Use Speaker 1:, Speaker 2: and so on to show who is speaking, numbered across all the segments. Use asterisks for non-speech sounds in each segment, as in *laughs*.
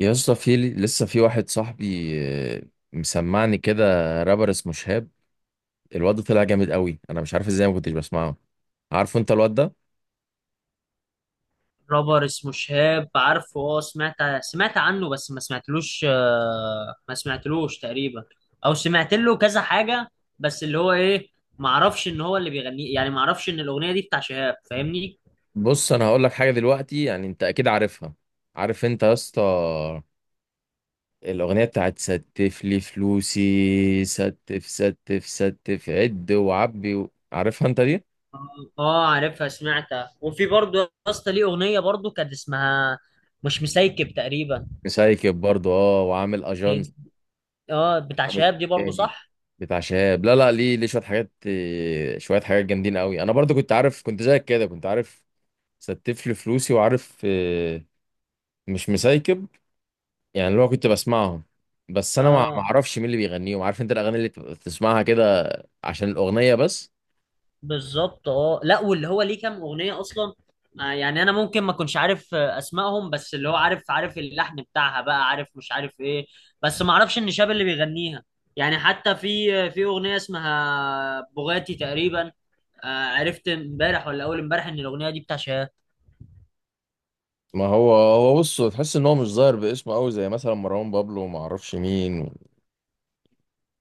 Speaker 1: يا اسطى، في لسه في واحد صاحبي آه، مسمعني كده. رابر اسمه شهاب. الواد ده طلع جامد قوي، انا مش عارف ازاي ما كنتش بسمعه. عارفه انت الواد ده؟
Speaker 2: رابر اسمه شهاب، عارفه. اه، سمعت عنه بس ما سمعتلوش. ما سمعتلوش تقريبا، او سمعت له كذا حاجة. بس اللي هو ايه، ما اعرفش ان هو اللي بيغنيه، يعني ما اعرفش ان الاغنية دي بتاع شهاب، فاهمني؟
Speaker 1: بص، انا هقول لك حاجه دلوقتي، يعني انت اكيد عارفها. عارف انت يا اسطى؟ الاغنيه بتاعت ستف لي فلوسي، ستف ستف ستف، عد وعبي عارفها انت دي؟
Speaker 2: اه، عارفها، سمعتها. وفي برضه يا اسطى ليه اغنية برضه كانت اسمها مش مسيكب تقريبا.
Speaker 1: مسايكب برضه، اه، وعامل اجانس.
Speaker 2: اه، بتاع
Speaker 1: عمرو
Speaker 2: شهاب دي برضه،
Speaker 1: دياب.
Speaker 2: صح.
Speaker 1: بتاع شهاب، لا لا، ليه شويه حاجات، شويه حاجات جامدين قوي. انا برضو كنت عارف، كنت زيك كده، كنت عارف. ستف لي فلوسي، وعارف، مش مسايكب. يعني اللي هو كنت بسمعهم، بس انا ما
Speaker 2: اه
Speaker 1: اعرفش مين اللي بيغنيهم. عارف انت الاغاني اللي بتبقى بتسمعها كده؟ عشان الاغنيه بس.
Speaker 2: بالظبط. اه لا، واللي هو ليه كام اغنيه اصلا. يعني انا ممكن ما اكونش عارف اسمائهم، بس اللي هو عارف، عارف اللحن بتاعها بقى، عارف، مش عارف ايه. بس ما اعرفش ان شاب اللي بيغنيها. يعني حتى في في اغنيه اسمها بوغاتي تقريبا. عرفت امبارح ولا اول امبارح ان الاغنيه دي بتاع شهاب.
Speaker 1: ما هو بص، تحس ان هو مش ظاهر باسمه قوي، زي مثلا مروان بابلو وما اعرفش مين.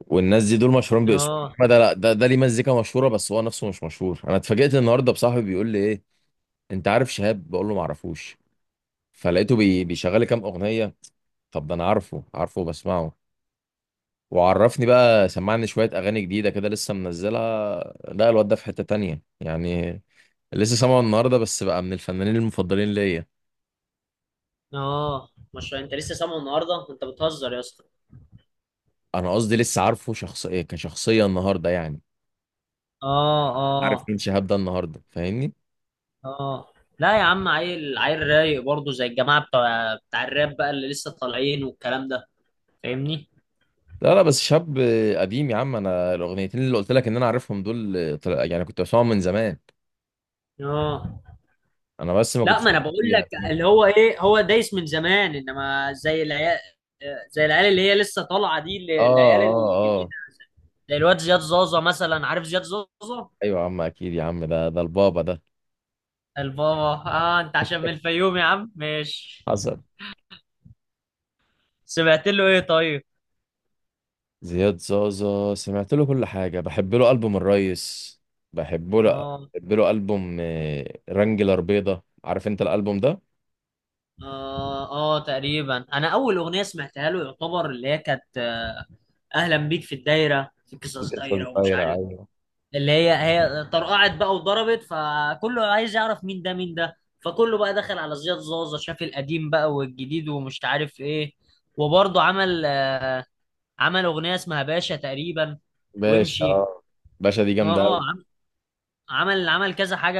Speaker 1: والناس دي دول مشهورين باسمهم،
Speaker 2: اه
Speaker 1: انما ده، لا، ده ليه مزيكا مشهوره، بس هو نفسه مش مشهور. انا اتفاجئت النهارده بصاحبي بيقول لي ايه، انت عارف شهاب؟ بقول له ما اعرفوش. فلقيته بيشغل لي كام اغنيه. طب ده انا عارفه وبسمعه. وعرفني بقى، سمعني شويه اغاني جديده كده لسه منزلها. لا، الواد ده في حته تانية يعني. لسه سامعه النهارده، بس بقى من الفنانين المفضلين ليا.
Speaker 2: اه. مش انت لسه سامعه النهارده؟ انت بتهزر يا اسطى.
Speaker 1: انا قصدي لسه عارفه شخص، ايه، كشخصيه النهارده يعني.
Speaker 2: اه
Speaker 1: عارف
Speaker 2: اه
Speaker 1: مين شهاب ده النهارده، فاهمني؟
Speaker 2: اه. لا يا عم، عيل رايق برضه زي الجماعه بتوع بتاع الراب بقى اللي لسه طالعين والكلام ده، فاهمني.
Speaker 1: لا لا، بس شاب قديم يا عم. انا الاغنيتين اللي قلت لك ان انا عارفهم دول، يعني كنت بسمعهم من زمان.
Speaker 2: اه،
Speaker 1: انا بس ما
Speaker 2: لا
Speaker 1: كنتش
Speaker 2: ما انا
Speaker 1: عارف.
Speaker 2: بقول لك اللي هو ايه، هو دايس من زمان، انما زي العيال، زي العيال اللي هي لسه طالعه دي،
Speaker 1: اه،
Speaker 2: العيال
Speaker 1: اه،
Speaker 2: الجديده.
Speaker 1: آه.
Speaker 2: زي الواد زياد زازا مثلا، عارف زياد زازا؟
Speaker 1: ايوه يا عم، اكيد يا عم، ده البابا ده.
Speaker 2: البابا. اه انت عشان من الفيوم يا عم، ماشي.
Speaker 1: حصل.
Speaker 2: سمعت له ايه طيب؟
Speaker 1: زياد زازا سمعت له كل حاجه. بحب له البوم الريس. بحب له.
Speaker 2: اه
Speaker 1: بحب له البوم رانجلر بيضه. عارف انت الالبوم ده؟
Speaker 2: اه اه تقريبا. انا اول اغنيه سمعتها له يعتبر اللي هي كانت اهلا بيك في الدايره، في قصص
Speaker 1: لسه
Speaker 2: دايره ومش
Speaker 1: صغيره،
Speaker 2: عارف.
Speaker 1: ايوه.
Speaker 2: اللي هي طرقعت بقى وضربت، فكله عايز يعرف مين ده مين ده، فكله بقى دخل على زياد زازا، شاف القديم بقى والجديد ومش عارف ايه. وبرضه عمل عمل اغنيه اسمها باشا تقريبا،
Speaker 1: باشا،
Speaker 2: وامشي.
Speaker 1: آه. باشا دي جامده
Speaker 2: اه،
Speaker 1: قوي.
Speaker 2: عمل كذا حاجه.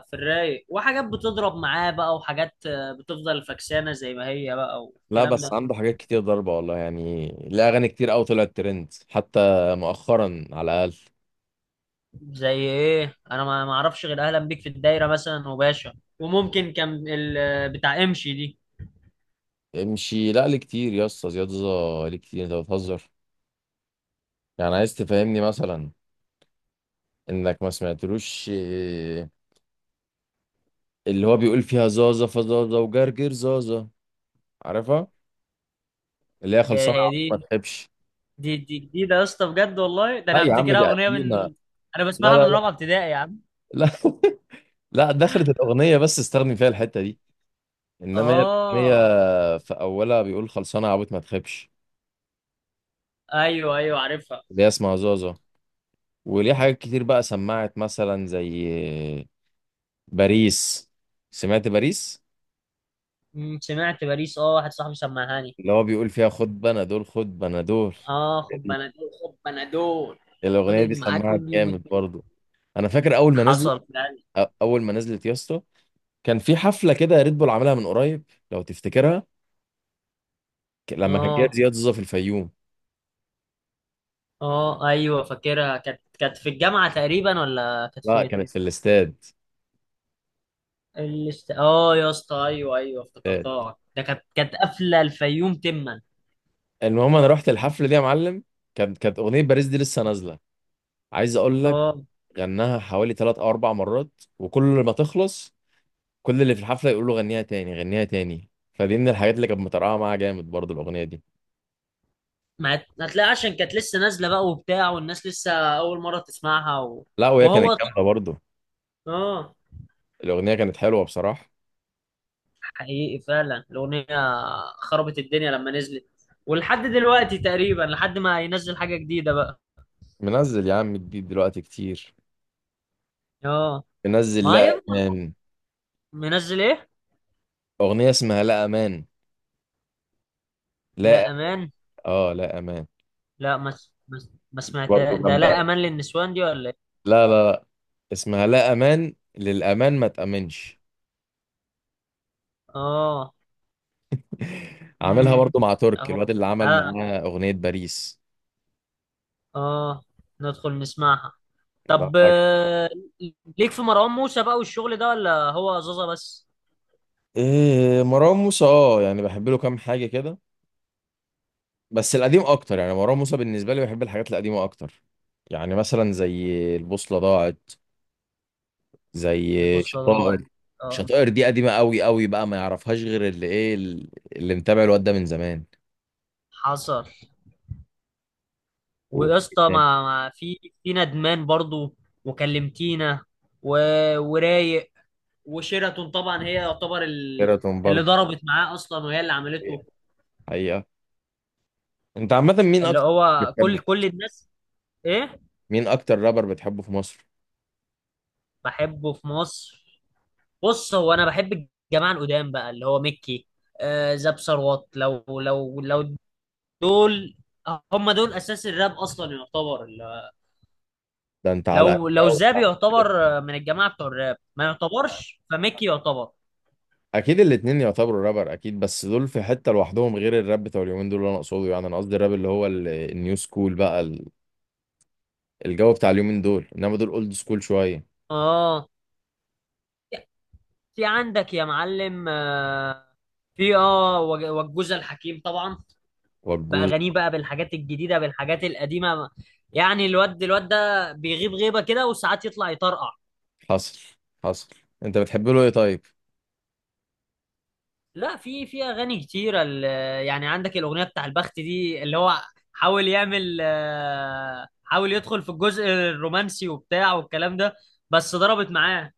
Speaker 2: في الرايق، وحاجات بتضرب معاه بقى، وحاجات بتفضل فكسانه زي ما هي بقى
Speaker 1: لا،
Speaker 2: والكلام
Speaker 1: بس
Speaker 2: ده.
Speaker 1: عنده حاجات كتير ضربه والله، يعني ليه اغاني كتير قوي طلعت ترند حتى مؤخرا، على الاقل.
Speaker 2: زي ايه؟ انا ما اعرفش غير اهلا بيك في الدايره مثلا، وباشا، وممكن كان بتاع امشي دي.
Speaker 1: امشي؟ لا، ليه كتير يا اسطى، زياد زازا ليه كتير، انت بتهزر؟ يعني عايز تفهمني مثلا، انك ما سمعتلوش اللي هو بيقول فيها زازا فزازا وجرجر زازا؟ عارفها؟ اللي هي
Speaker 2: هي
Speaker 1: خلصانه يا
Speaker 2: هي
Speaker 1: عم.
Speaker 2: دي
Speaker 1: ما تحبش؟
Speaker 2: دي دي جديدة يا اسطى، بجد والله، ده
Speaker 1: لا
Speaker 2: انا
Speaker 1: يا عم،
Speaker 2: افتكرها
Speaker 1: دي
Speaker 2: اغنية
Speaker 1: قديمة.
Speaker 2: من. انا
Speaker 1: لا
Speaker 2: بسمعها من
Speaker 1: لا لا.
Speaker 2: رابعة ابتدائي يا عم.
Speaker 1: لا. *laughs* لا، دخلت الاغنيه بس استخدم فيها الحته دي، انما هي الاغنيه،
Speaker 2: اه
Speaker 1: في اولها بيقول خلصانه يا عبيط ما تخيبش.
Speaker 2: ايوه ايوه، عارفها.
Speaker 1: اللي هي اسمها زازا. وليه حاجات كتير بقى، سمعت مثلا زي باريس. سمعت باريس؟
Speaker 2: أمم، سمعت باريس. اه، واحد صاحبي سمعهاني.
Speaker 1: اللي هو بيقول فيها خد بنادول خد بنادول.
Speaker 2: اه، خد
Speaker 1: دي.
Speaker 2: بنادول خد بنادول،
Speaker 1: الاغنيه دي
Speaker 2: ودن معاك
Speaker 1: سمعت
Speaker 2: كل يوم.
Speaker 1: جامد برضو. انا فاكر اول ما نزلت،
Speaker 2: حصل فعلا.
Speaker 1: اول ما نزلت يا اسطى، كان في حفله كده ريد بول عاملها من قريب، لو تفتكرها، لما كان جايب
Speaker 2: اه
Speaker 1: زياد زوزة في الفيوم.
Speaker 2: اه ايوه فاكرها، كانت كانت في الجامعة تقريبا، ولا كانت
Speaker 1: لا،
Speaker 2: فين؟
Speaker 1: كانت في الاستاد.
Speaker 2: اه يا اسطى، ايوه ايوه
Speaker 1: آه،
Speaker 2: افتكرتها، ده كانت كانت قافلة الفيوم تما.
Speaker 1: المهم، انا رحت الحفله دي يا معلم، كانت اغنيه باريس دي لسه نازله، عايز اقول لك.
Speaker 2: اه
Speaker 1: غناها حوالي 3 او 4 مرات، وكل ما تخلص، كل اللي في الحفله يقول له غنيها تاني، غنيها تاني. فدي من الحاجات اللي كانت مطرقعه معاها جامد برضه، الاغنيه دي.
Speaker 2: ما هتلاقي، عشان كانت لسه نازله بقى وبتاع، والناس لسه اول مره تسمعها و...
Speaker 1: لا، وهي كانت
Speaker 2: وهو
Speaker 1: جامده
Speaker 2: طبعاً-
Speaker 1: برضه.
Speaker 2: اه.
Speaker 1: الاغنيه كانت حلوه بصراحه.
Speaker 2: حقيقي فعلا الاغنيه خربت الدنيا لما نزلت، ولحد دلوقتي تقريبا، لحد ما ينزل حاجه جديده بقى.
Speaker 1: منزل يا عم جديد دلوقتي كتير.
Speaker 2: اه
Speaker 1: منزل
Speaker 2: ما
Speaker 1: لا
Speaker 2: هيفضل.
Speaker 1: امان.
Speaker 2: منزل ايه؟
Speaker 1: اغنيه اسمها لا امان. لا.
Speaker 2: لا امان.
Speaker 1: اه، لا امان.
Speaker 2: لا ما
Speaker 1: برضه
Speaker 2: سمعتها، ده
Speaker 1: جامده
Speaker 2: لا
Speaker 1: أوي.
Speaker 2: امان للنسوان دي ولا ايه؟
Speaker 1: لا لا لا. اسمها لا امان، للامان ما تامنش.
Speaker 2: اه.
Speaker 1: *laughs* عاملها
Speaker 2: امم.
Speaker 1: برضو مع ترك،
Speaker 2: اهو.
Speaker 1: الواد اللي عمل
Speaker 2: اه
Speaker 1: معاه اغنيه باريس.
Speaker 2: اه. ندخل نسمعها.
Speaker 1: ده
Speaker 2: طب
Speaker 1: حاجه.
Speaker 2: ليك في مروان موسى بقى والشغل ده، ولا هو زازا بس؟
Speaker 1: إيه، مروان موسى، اه، يعني بحب له كام حاجه كده، بس القديم اكتر، يعني مروان موسى بالنسبه لي بحب الحاجات القديمه اكتر. يعني مثلا زي البوصله ضاعت، زي
Speaker 2: البوصلة ضاعت.
Speaker 1: شطائر.
Speaker 2: اه
Speaker 1: شطائر دي قديمه قوي قوي بقى، ما يعرفهاش غير اللي ايه، اللي متابع الواد ده من زمان.
Speaker 2: حصل. ويا اسطى، ما في ندمان برضو، وكلمتينا، و... ورايق، وشيراتون طبعا، هي يعتبر ال...
Speaker 1: وكيراتون
Speaker 2: اللي
Speaker 1: برضو.
Speaker 2: ضربت معاه اصلا، وهي اللي عملته.
Speaker 1: حقيقه. انت عامة مين
Speaker 2: اللي
Speaker 1: اكتر
Speaker 2: هو
Speaker 1: بتحبه،
Speaker 2: كل الناس. ايه؟
Speaker 1: مين اكتر رابر بتحبه في مصر؟
Speaker 2: بحبه في مصر. بص، هو انا بحب الجماعه القدام بقى، اللي هو ميكي، آه، زاب ثروت، لو لو لو، دول هم دول اساس الراب اصلا يعتبر.
Speaker 1: ده انت على
Speaker 2: لو لو زاب
Speaker 1: أوي.
Speaker 2: يعتبر من الجماعه بتوع الراب، ما يعتبرش. فميكي يعتبر.
Speaker 1: اكيد الاتنين يعتبروا رابر، اكيد، بس دول في حتة لوحدهم. غير الراب بتاع اليومين دول اللي انا اقصده، يعني انا قصدي الراب اللي هو النيو سكول بقى، الجو بتاع اليومين دول، انما دول اولد سكول شوية.
Speaker 2: اه في عندك يا معلم في اه والجوزة الحكيم طبعا،
Speaker 1: والجوز.
Speaker 2: باغانيه بقى، بالحاجات الجديده، بالحاجات القديمه. يعني الواد ده بيغيب غيبه كده، وساعات يطلع يطرقع.
Speaker 1: حصل حصل. انت بتحب له ايه طيب؟
Speaker 2: لا في اغاني كتيره يعني عندك الاغنيه بتاع البخت دي، اللي هو حاول يعمل حاول يدخل في الجزء الرومانسي وبتاع والكلام ده، بس ضربت معاه.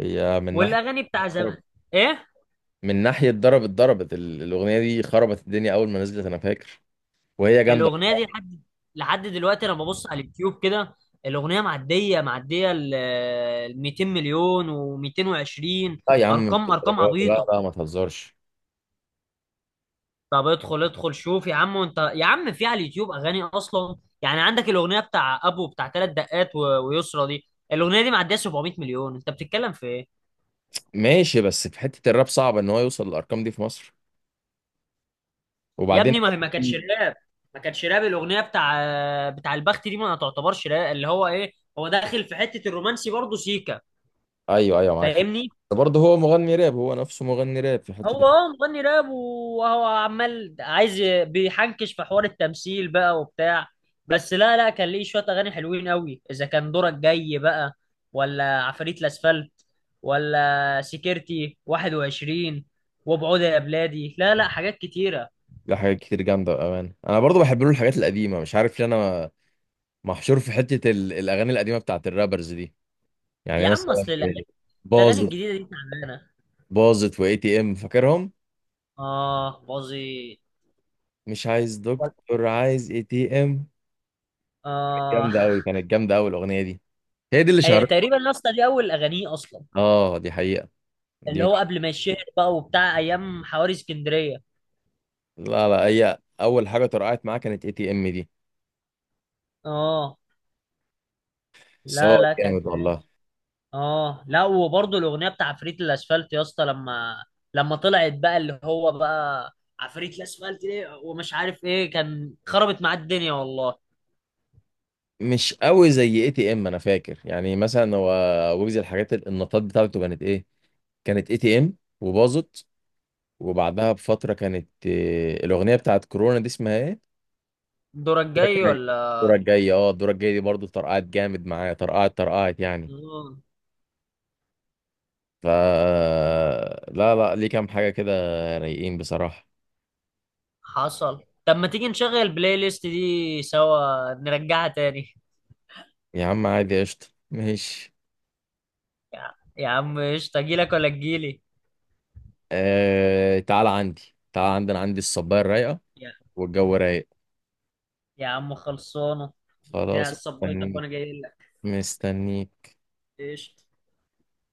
Speaker 1: هي من ناحية
Speaker 2: والاغاني بتاع زمان.
Speaker 1: ضرب،
Speaker 2: ايه؟
Speaker 1: من ناحية ضرب اتضربت الأغنية دي، خربت الدنيا أول ما نزلت، أنا فاكر. وهي جامدة.
Speaker 2: الاغنيه دي لحد، لحد دلوقتي، لما ببص على اليوتيوب كده الاغنيه معديه، معديه ال 200 مليون، و220.
Speaker 1: لا يا عم، مش
Speaker 2: ارقام
Speaker 1: الدرجات، لا
Speaker 2: عبيطه.
Speaker 1: لا، ما تهزرش.
Speaker 2: طب ادخل شوف يا عم، وانت يا عم في على اليوتيوب اغاني اصلا. يعني عندك الاغنيه بتاع ابو، بتاع ثلاث دقات ويسرا دي، الاغنيه دي معديه 700 مليون، انت بتتكلم في ايه؟
Speaker 1: ماشي، بس في حتة الراب صعب ان هو يوصل للارقام دي في مصر.
Speaker 2: يا
Speaker 1: وبعدين،
Speaker 2: ابني ما هي ما كانتش
Speaker 1: مم.
Speaker 2: راب، ما كانتش راب. الاغنيه بتاع البخت دي ما تعتبرش راب، اللي هو ايه، هو داخل في حته الرومانسي برضه سيكا،
Speaker 1: ايوه ايوه، معاك حق.
Speaker 2: فاهمني؟
Speaker 1: برضه هو مغني راب، هو نفسه مغني راب في حتة
Speaker 2: هو
Speaker 1: الراب.
Speaker 2: اه مغني راب، وهو عمال عايز بيحنكش في حوار التمثيل بقى وبتاع. بس لا لا، كان ليه شوية أغاني حلوين قوي، إذا كان دورك جاي بقى، ولا عفاريت الأسفلت، ولا سكرتي 21، وبعود يا بلادي، لا لا حاجات كتيرة.
Speaker 1: لا، حاجات كتير جامدة بأمانة، انا برضه بحب له الحاجات القديمة، مش عارف ليه انا محشور في حتة الاغاني القديمة بتاعت الرابرز دي. يعني
Speaker 2: يا عم
Speaker 1: مثلا
Speaker 2: أصل الأغاني، الأغاني
Speaker 1: باظت،
Speaker 2: الجديدة دي تعبانة.
Speaker 1: باظت واي تي ام، فاكرهم؟
Speaker 2: آه باظي.
Speaker 1: مش عايز دكتور، عايز اي تي ام.
Speaker 2: آه *laughs*
Speaker 1: جامدة قوي، كانت جامدة قوي الاغنية دي. هي دي اللي
Speaker 2: هي
Speaker 1: شهرتها.
Speaker 2: تقريبا النص دي أول أغانيه أصلا،
Speaker 1: اه دي حقيقة، دي
Speaker 2: اللي
Speaker 1: من
Speaker 2: هو قبل ما يشهر بقى وبتاع، أيام حواري اسكندرية.
Speaker 1: لا لا، هي اول حاجة طرقعت معاه كانت اي تي ام دي.
Speaker 2: اه
Speaker 1: بس هو
Speaker 2: لا لا كان
Speaker 1: جامد والله.
Speaker 2: اه، لا وبرضه الاغنيه بتاع عفريت الاسفلت يا اسطى، لما طلعت بقى، اللي هو بقى عفريت الاسفلت ليه ومش عارف ايه، كان خربت معاه الدنيا والله.
Speaker 1: مش قوي زي اي تي ام، انا فاكر، يعني مثلا هو ويجز، الحاجات النطاط بتاعته كانت ايه؟ كانت اي تي ام، وباظت. وبعدها بفتره كانت الاغنيه بتاعت كورونا دي اسمها ايه؟
Speaker 2: دورك
Speaker 1: الدورة
Speaker 2: جاي
Speaker 1: الجاية. الدورة
Speaker 2: ولا.
Speaker 1: الجاية، اه، الدورة الجاية دي برضه طرقعت جامد معايا، طرقعت طرقعت يعني.
Speaker 2: اه
Speaker 1: ف لا لا، ليه كام حاجة كده، رايقين بصراحة.
Speaker 2: حصل. طب ما تيجي نشغل البلاي ليست دي سوا، نرجعها تاني.
Speaker 1: يا عم عادي، قشطة ماشي.
Speaker 2: يا عم قشطه، اجيلك ولا تجيلي؟
Speaker 1: تعال عندي، تعال عندي، انا عندي الصباية الرايقة،
Speaker 2: يا,
Speaker 1: والجو رايق.
Speaker 2: يا عم خلصانه. يا
Speaker 1: خلاص
Speaker 2: صبيتك
Speaker 1: مستنيك.
Speaker 2: وانا جاي لك.
Speaker 1: مستنيك.
Speaker 2: قشطه.